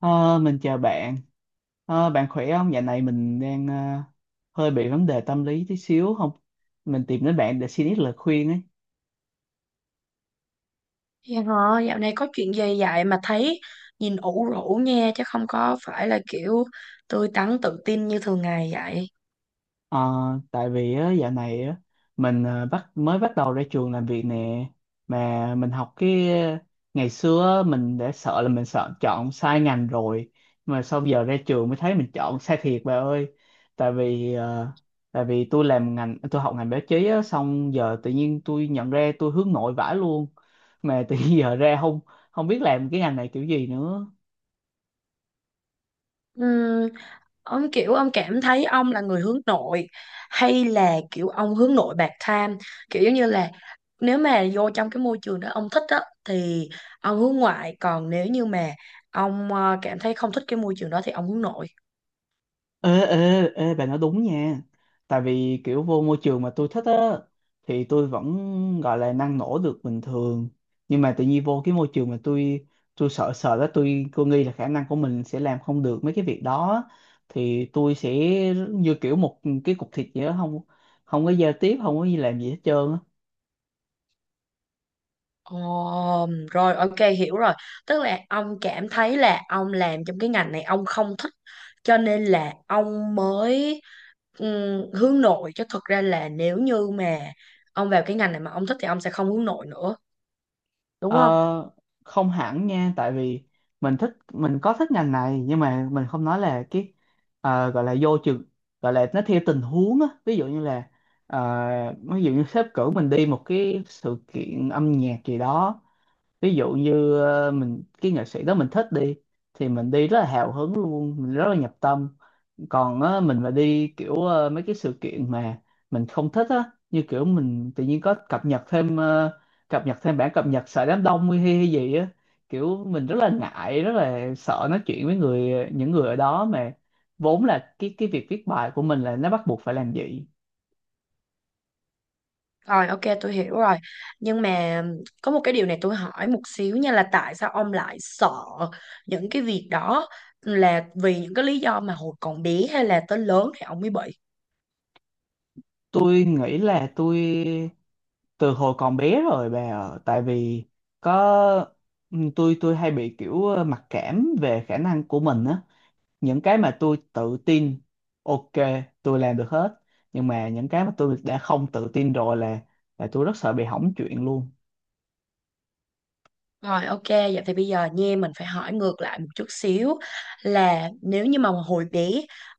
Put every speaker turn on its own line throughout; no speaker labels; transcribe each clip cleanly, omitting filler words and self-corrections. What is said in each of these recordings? Ờ, mình chào bạn. Bạn khỏe không? Dạo này mình đang hơi bị vấn đề tâm lý tí xíu không? Mình tìm đến bạn để xin ít lời khuyên ấy.
Dạ hả, dạo này có chuyện gì vậy mà thấy nhìn ủ rũ nha, chứ không có phải là kiểu tươi tắn tự tin như thường ngày vậy.
Ờ, Tại vì á, dạo này á, mình ờ, bắt mới bắt đầu ra trường làm việc nè mà mình học cái ngày xưa á, mình đã sợ là mình sợ chọn sai ngành rồi, mà sau giờ ra trường mới thấy mình chọn sai thiệt bà ơi. Tại vì tôi làm ngành tôi học ngành báo chí á, xong giờ tự nhiên tôi nhận ra tôi hướng nội vãi luôn, mà tự nhiên giờ ra không không biết làm cái ngành này kiểu gì nữa.
Ừm, ông kiểu ông cảm thấy ông là người hướng nội hay là kiểu ông hướng nội bạc tham, kiểu giống như là nếu mà vô trong cái môi trường đó ông thích á thì ông hướng ngoại, còn nếu như mà ông cảm thấy không thích cái môi trường đó thì ông hướng nội.
Ê ê ê bà nói đúng nha, tại vì kiểu vô môi trường mà tôi thích á thì tôi vẫn gọi là năng nổ được bình thường, nhưng mà tự nhiên vô cái môi trường mà tôi sợ sợ đó, tôi nghĩ là khả năng của mình sẽ làm không được mấy cái việc đó á. Thì tôi sẽ như kiểu một cái cục thịt vậy đó, không không có giao tiếp, không có gì làm gì hết trơn á.
Ồ, rồi ok hiểu rồi. Tức là ông cảm thấy là ông làm trong cái ngành này ông không thích cho nên là ông mới hướng nội, chứ thực ra là nếu như mà ông vào cái ngành này mà ông thích thì ông sẽ không hướng nội nữa, đúng
Ờ,
không?
không hẳn nha, tại vì mình có thích ngành này, nhưng mà mình không nói là cái gọi là vô trường, gọi là nó theo tình huống á, ví dụ như là ờ, ví dụ như sếp cử mình đi một cái sự kiện âm nhạc gì đó, ví dụ như mình cái nghệ sĩ đó mình thích đi thì mình đi rất là hào hứng luôn, mình rất là nhập tâm. Còn á, mình mà đi kiểu mấy cái sự kiện mà mình không thích á, như kiểu mình tự nhiên có cập nhật thêm bản cập nhật sợ đám đông hay gì á, kiểu mình rất là ngại rất là sợ nói chuyện với những người ở đó, mà vốn là cái việc viết bài của mình là nó bắt buộc phải làm vậy.
Rồi ok tôi hiểu rồi. Nhưng mà có một cái điều này tôi hỏi một xíu nha, là tại sao ông lại sợ những cái việc đó, là vì những cái lý do mà hồi còn bé hay là tới lớn thì ông mới bị?
Tôi nghĩ là tôi từ hồi còn bé rồi bà ạ. Tại vì có ừ, tôi hay bị kiểu mặc cảm về khả năng của mình á, những cái mà tôi tự tin ok tôi làm được hết, nhưng mà những cái mà tôi đã không tự tin rồi là tôi rất sợ bị hỏng chuyện luôn.
Rồi ok, vậy thì bây giờ nha mình phải hỏi ngược lại một chút xíu, là nếu như mà hồi bé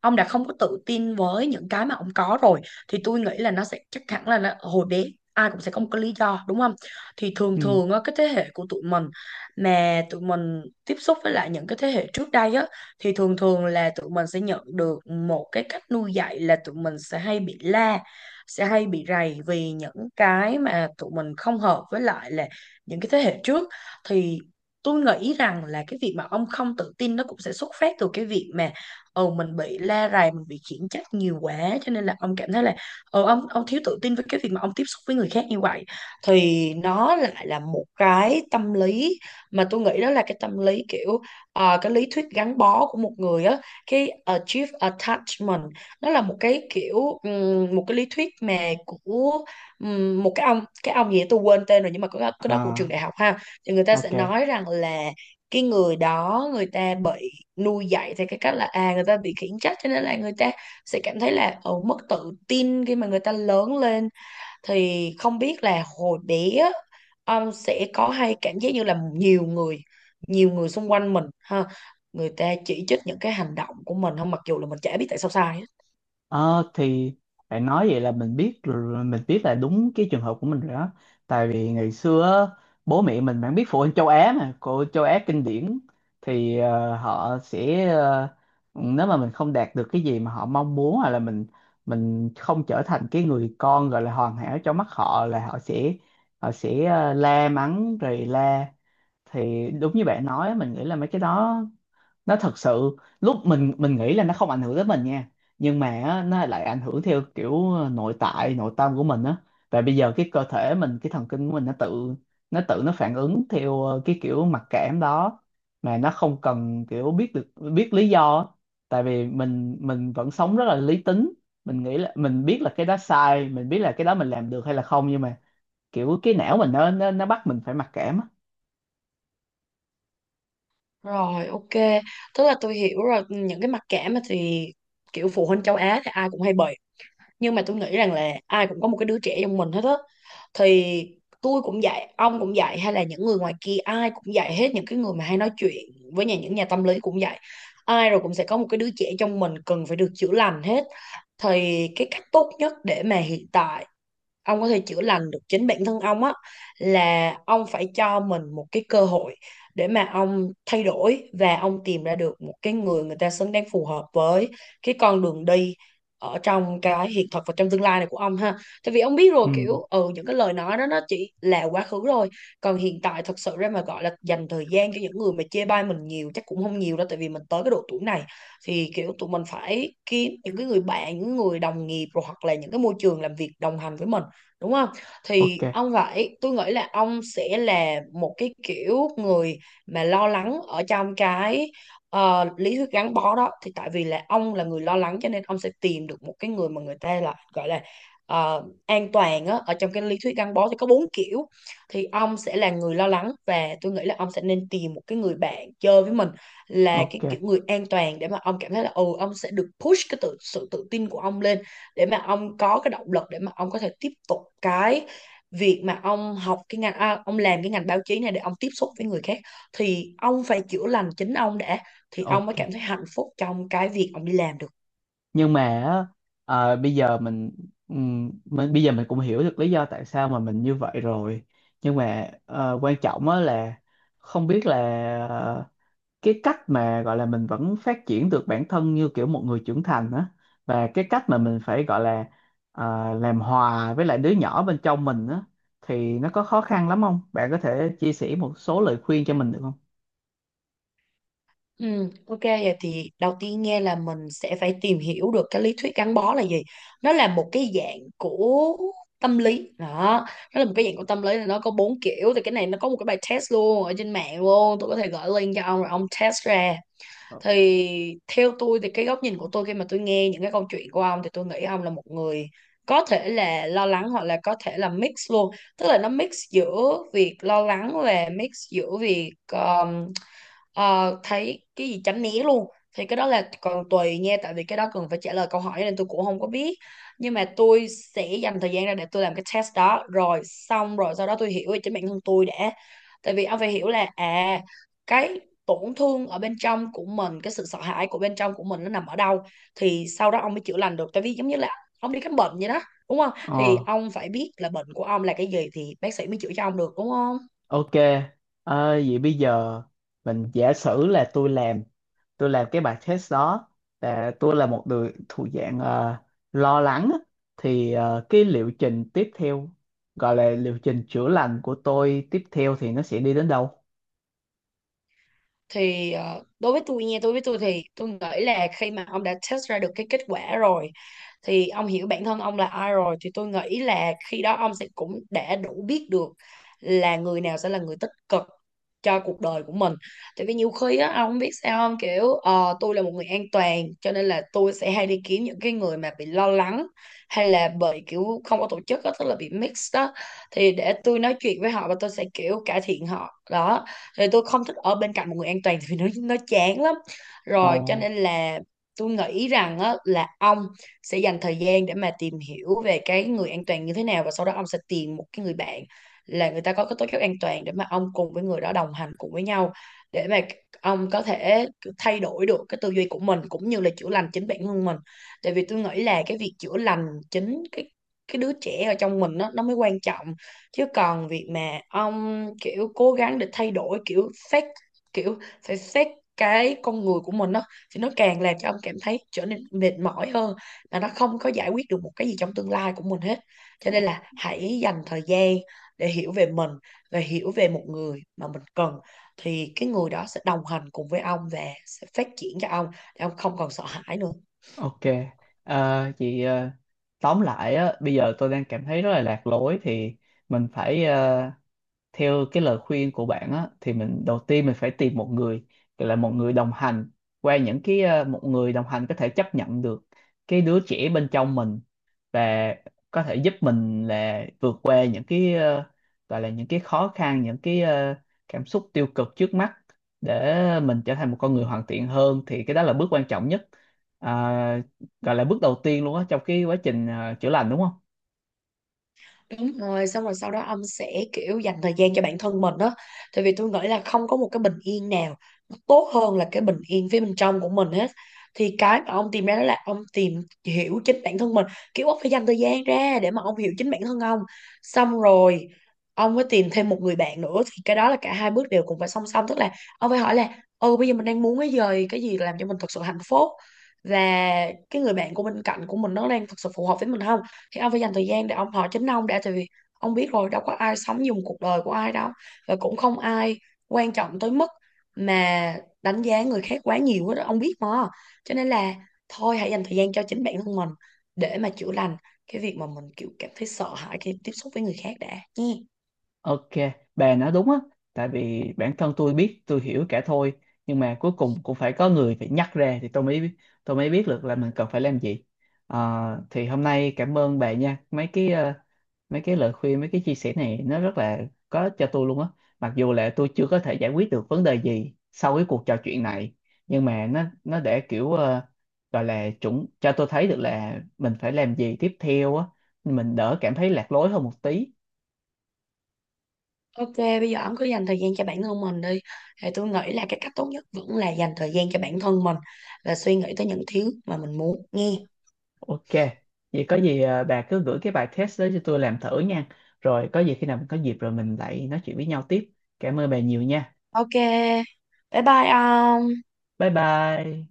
ông đã không có tự tin với những cái mà ông có rồi thì tôi nghĩ là nó sẽ chắc hẳn là nó, hồi bé ai cũng sẽ có một cái lý do, đúng không? Thì thường
Ừ.
thường á, cái thế hệ của tụi mình mà tụi mình tiếp xúc với lại những cái thế hệ trước đây á thì thường thường là tụi mình sẽ nhận được một cái cách nuôi dạy là tụi mình sẽ hay bị la, sẽ hay bị rầy vì những cái mà tụi mình không hợp với lại là những cái thế hệ trước, thì tôi nghĩ rằng là cái việc mà ông không tự tin nó cũng sẽ xuất phát từ cái việc mà mình bị la rầy, mình bị khiển trách nhiều quá cho nên là ông cảm thấy là ông thiếu tự tin với cái việc mà ông tiếp xúc với người khác như vậy, thì nó lại là một cái tâm lý mà tôi nghĩ đó là cái tâm lý kiểu cái lý thuyết gắn bó của một người á, cái achieve attachment. Nó là một cái kiểu một cái lý thuyết mà của một cái ông gì đó tôi quên tên rồi, nhưng mà có cái đó của trường
À,
đại học ha. Thì người ta sẽ
ok.
nói rằng là cái người đó người ta bị nuôi dạy theo cái cách là người ta bị khiển trách cho nên là người ta sẽ cảm thấy là mất tự tin khi mà người ta lớn lên. Thì không biết là hồi bé á, ông sẽ có hay cảm giác như là nhiều người xung quanh mình ha, người ta chỉ trích những cái hành động của mình không, mặc dù là mình chả biết tại sao sai hết.
Ờ thì bạn nói vậy là mình biết là đúng cái trường hợp của mình rồi đó. Tại vì ngày xưa á, bố mẹ mình, bạn biết phụ huynh châu Á mà, cô châu Á kinh điển, thì họ sẽ nếu mà mình không đạt được cái gì mà họ mong muốn, hoặc là mình không trở thành cái người con gọi là hoàn hảo trong mắt họ, là họ sẽ la mắng rồi la. Thì đúng như bạn nói, mình nghĩ là mấy cái đó nó thật sự lúc mình nghĩ là nó không ảnh hưởng tới mình nha, nhưng mà á, nó lại ảnh hưởng theo kiểu nội tại nội tâm của mình á. Và bây giờ cái cơ thể mình, cái thần kinh của mình nó tự nó phản ứng theo cái kiểu mặc cảm đó, mà nó không cần kiểu biết được biết lý do á. Tại vì mình vẫn sống rất là lý tính, mình nghĩ là mình biết là cái đó sai, mình biết là cái đó mình làm được hay là không, nhưng mà kiểu cái não mình nó bắt mình phải mặc cảm á.
Rồi ok, tức là tôi hiểu rồi. Những cái mặc cảm á thì kiểu phụ huynh châu Á thì ai cũng hay bị, nhưng mà tôi nghĩ rằng là ai cũng có một cái đứa trẻ trong mình hết á, thì tôi cũng dạy, ông cũng dạy, hay là những người ngoài kia ai cũng dạy hết, những cái người mà hay nói chuyện với nhà, những nhà tâm lý cũng dạy, ai rồi cũng sẽ có một cái đứa trẻ trong mình cần phải được chữa lành hết. Thì cái cách tốt nhất để mà hiện tại ông có thể chữa lành được chính bản thân ông á là ông phải cho mình một cái cơ hội để mà ông thay đổi và ông tìm ra được một cái người, người ta xứng đáng phù hợp với cái con đường đi ở trong cái hiện thực và trong tương lai này của ông ha. Tại vì ông biết rồi,
Ừ.
kiểu những cái lời nói đó nó chỉ là quá khứ rồi, còn hiện tại thật sự ra mà gọi là dành thời gian cho những người mà chê bai mình nhiều chắc cũng không nhiều đâu, tại vì mình tới cái độ tuổi này thì kiểu tụi mình phải kiếm những cái người bạn, những người đồng nghiệp rồi, hoặc là những cái môi trường làm việc đồng hành với mình, đúng không?
Ok.
Thì ông phải, tôi nghĩ là ông sẽ là một cái kiểu người mà lo lắng ở trong cái lý thuyết gắn bó đó. Thì tại vì là ông là người lo lắng cho nên ông sẽ tìm được một cái người mà người ta là gọi là an toàn á, ở trong cái lý thuyết gắn bó thì có bốn kiểu. Thì ông sẽ là người lo lắng và tôi nghĩ là ông sẽ nên tìm một cái người bạn chơi với mình là cái
Ok
kiểu người an toàn, để mà ông cảm thấy là ông sẽ được push cái tự, sự tự tin của ông lên, để mà ông có cái động lực để mà ông có thể tiếp tục cái việc mà ông học cái ngành, à, ông làm cái ngành báo chí này để ông tiếp xúc với người khác. Thì ông phải chữa lành chính ông đã thì ông mới
ok,
cảm thấy hạnh phúc trong cái việc ông đi làm được.
nhưng mà á, bây giờ mình bây giờ mình cũng hiểu được lý do tại sao mà mình như vậy rồi, nhưng mà quan trọng á là không biết là ờ, cái cách mà gọi là mình vẫn phát triển được bản thân như kiểu một người trưởng thành á, và cái cách mà mình phải gọi là làm hòa với lại đứa nhỏ bên trong mình á, thì nó có khó khăn lắm không? Bạn có thể chia sẻ một số lời khuyên cho mình được không?
Ừ, ok, vậy thì đầu tiên nghe là mình sẽ phải tìm hiểu được cái lý thuyết gắn bó là gì. Nó là một cái dạng của tâm lý đó, nó là một cái dạng của tâm lý là nó có bốn kiểu. Thì cái này nó có một cái bài test luôn ở trên mạng luôn, tôi có thể gửi link cho ông rồi ông test ra. Thì theo tôi thì cái góc nhìn của tôi khi mà tôi nghe những cái câu chuyện của ông thì tôi nghĩ ông là một người có thể là lo lắng hoặc là có thể là mix luôn, tức là nó mix giữa việc lo lắng và mix giữa việc Ờ, thấy cái gì tránh né luôn. Thì cái đó là còn tùy nha, tại vì cái đó cần phải trả lời câu hỏi nên tôi cũng không có biết, nhưng mà tôi sẽ dành thời gian ra để tôi làm cái test đó rồi xong rồi sau đó tôi hiểu về chính bản thân tôi đã. Tại vì ông phải hiểu là cái tổn thương ở bên trong của mình, cái sự sợ hãi của bên trong của mình nó nằm ở đâu, thì sau đó ông mới chữa lành được. Tại vì giống như là ông đi khám bệnh vậy đó, đúng không? Thì
Ờ.
ông phải biết là bệnh của ông là cái gì thì bác sĩ mới chữa cho ông được, đúng không?
Ok, vậy bây giờ mình giả sử là tôi làm cái bài test đó, là tôi là một người thuộc dạng lo lắng á. Thì cái liệu trình tiếp theo, gọi là liệu trình chữa lành của tôi tiếp theo thì nó sẽ đi đến đâu?
Thì đối với tôi nha, đối với tôi thì tôi nghĩ là khi mà ông đã test ra được cái kết quả rồi thì ông hiểu bản thân ông là ai rồi, thì tôi nghĩ là khi đó ông sẽ cũng đã đủ biết được là người nào sẽ là người tích cực cho cuộc đời của mình. Tại vì nhiều khi á ông không biết sao không, kiểu tôi là một người an toàn cho nên là tôi sẽ hay đi kiếm những cái người mà bị lo lắng hay là bị kiểu không có tổ chức á, tức là bị mix đó, thì để tôi nói chuyện với họ và tôi sẽ kiểu cải thiện họ đó. Thì tôi không thích ở bên cạnh một người an toàn vì nó chán lắm,
Ồ,
rồi cho nên là tôi nghĩ rằng á, là ông sẽ dành thời gian để mà tìm hiểu về cái người an toàn như thế nào và sau đó ông sẽ tìm một cái người bạn là người ta có cái tố chất an toàn để mà ông cùng với người đó đồng hành cùng với nhau, để mà ông có thể thay đổi được cái tư duy của mình cũng như là chữa lành chính bản thân mình. Tại vì tôi nghĩ là cái việc chữa lành chính cái đứa trẻ ở trong mình nó mới quan trọng, chứ còn việc mà ông kiểu cố gắng để thay đổi kiểu xét, kiểu phải xét cái con người của mình đó thì nó càng làm cho ông cảm thấy trở nên mệt mỏi hơn mà nó không có giải quyết được một cái gì trong tương lai của mình hết. Cho nên
o-
là hãy dành thời gian để hiểu về mình và hiểu về một người mà mình cần, thì cái người đó sẽ đồng hành cùng với ông và sẽ phát triển cho ông để ông không còn sợ hãi nữa.
ok. À, chị tóm lại á, bây giờ tôi đang cảm thấy rất là lạc lối, thì mình phải theo cái lời khuyên của bạn á, thì mình đầu tiên mình phải tìm một người gọi là một người đồng hành, qua những cái một người đồng hành có thể chấp nhận được cái đứa trẻ bên trong mình, và có thể giúp mình là vượt qua những cái gọi là những cái khó khăn, những cái cảm xúc tiêu cực trước mắt, để mình trở thành một con người hoàn thiện hơn, thì cái đó là bước quan trọng nhất. À, gọi là bước đầu tiên luôn á trong cái quá trình chữa lành, đúng không?
Đúng rồi, xong rồi sau đó ông sẽ kiểu dành thời gian cho bản thân mình đó. Tại vì tôi nghĩ là không có một cái bình yên nào nó tốt hơn là cái bình yên phía bên trong của mình hết. Thì cái mà ông tìm ra đó là ông tìm hiểu chính bản thân mình. Kiểu ông phải dành thời gian ra để mà ông hiểu chính bản thân ông. Xong rồi ông mới tìm thêm một người bạn nữa. Thì cái đó là cả hai bước đều cùng phải song song. Tức là ông phải hỏi là bây giờ mình đang muốn cái gì làm cho mình thật sự hạnh phúc. Và cái người bạn của bên cạnh của mình nó đang thật sự phù hợp với mình không? Thì ông phải dành thời gian để ông hỏi chính ông đã, tại vì ông biết rồi, đâu có ai sống dùng cuộc đời của ai đâu, và cũng không ai quan trọng tới mức mà đánh giá người khác quá nhiều hết đó, ông biết mà. Cho nên là thôi hãy dành thời gian cho chính bản thân mình để mà chữa lành cái việc mà mình kiểu cảm thấy sợ hãi khi tiếp xúc với người khác đã nha.
Ok, bà nói đúng á, tại vì bản thân tôi biết, tôi hiểu cả thôi, nhưng mà cuối cùng cũng phải có người phải nhắc ra thì tôi mới biết được là mình cần phải làm gì. Ờ, thì hôm nay cảm ơn bà nha, mấy cái mấy cái lời khuyên, mấy cái chia sẻ này nó rất là có ích cho tôi luôn á. Mặc dù là tôi chưa có thể giải quyết được vấn đề gì sau cái cuộc trò chuyện này, nhưng mà nó để kiểu gọi là chuẩn cho tôi thấy được là mình phải làm gì tiếp theo á, mình đỡ cảm thấy lạc lối hơn một tí.
Ok, bây giờ ông cứ dành thời gian cho bản thân mình đi. Thì tôi nghĩ là cái cách tốt nhất vẫn là dành thời gian cho bản thân mình và suy nghĩ tới những thứ mà mình muốn nghe.
Ok, vậy có gì à, bà cứ gửi cái bài test đó cho tôi làm thử nha. Rồi có gì khi nào mình có dịp rồi mình lại nói chuyện với nhau tiếp. Cảm ơn bà nhiều nha.
Ok, bye bye ông.
Bye bye.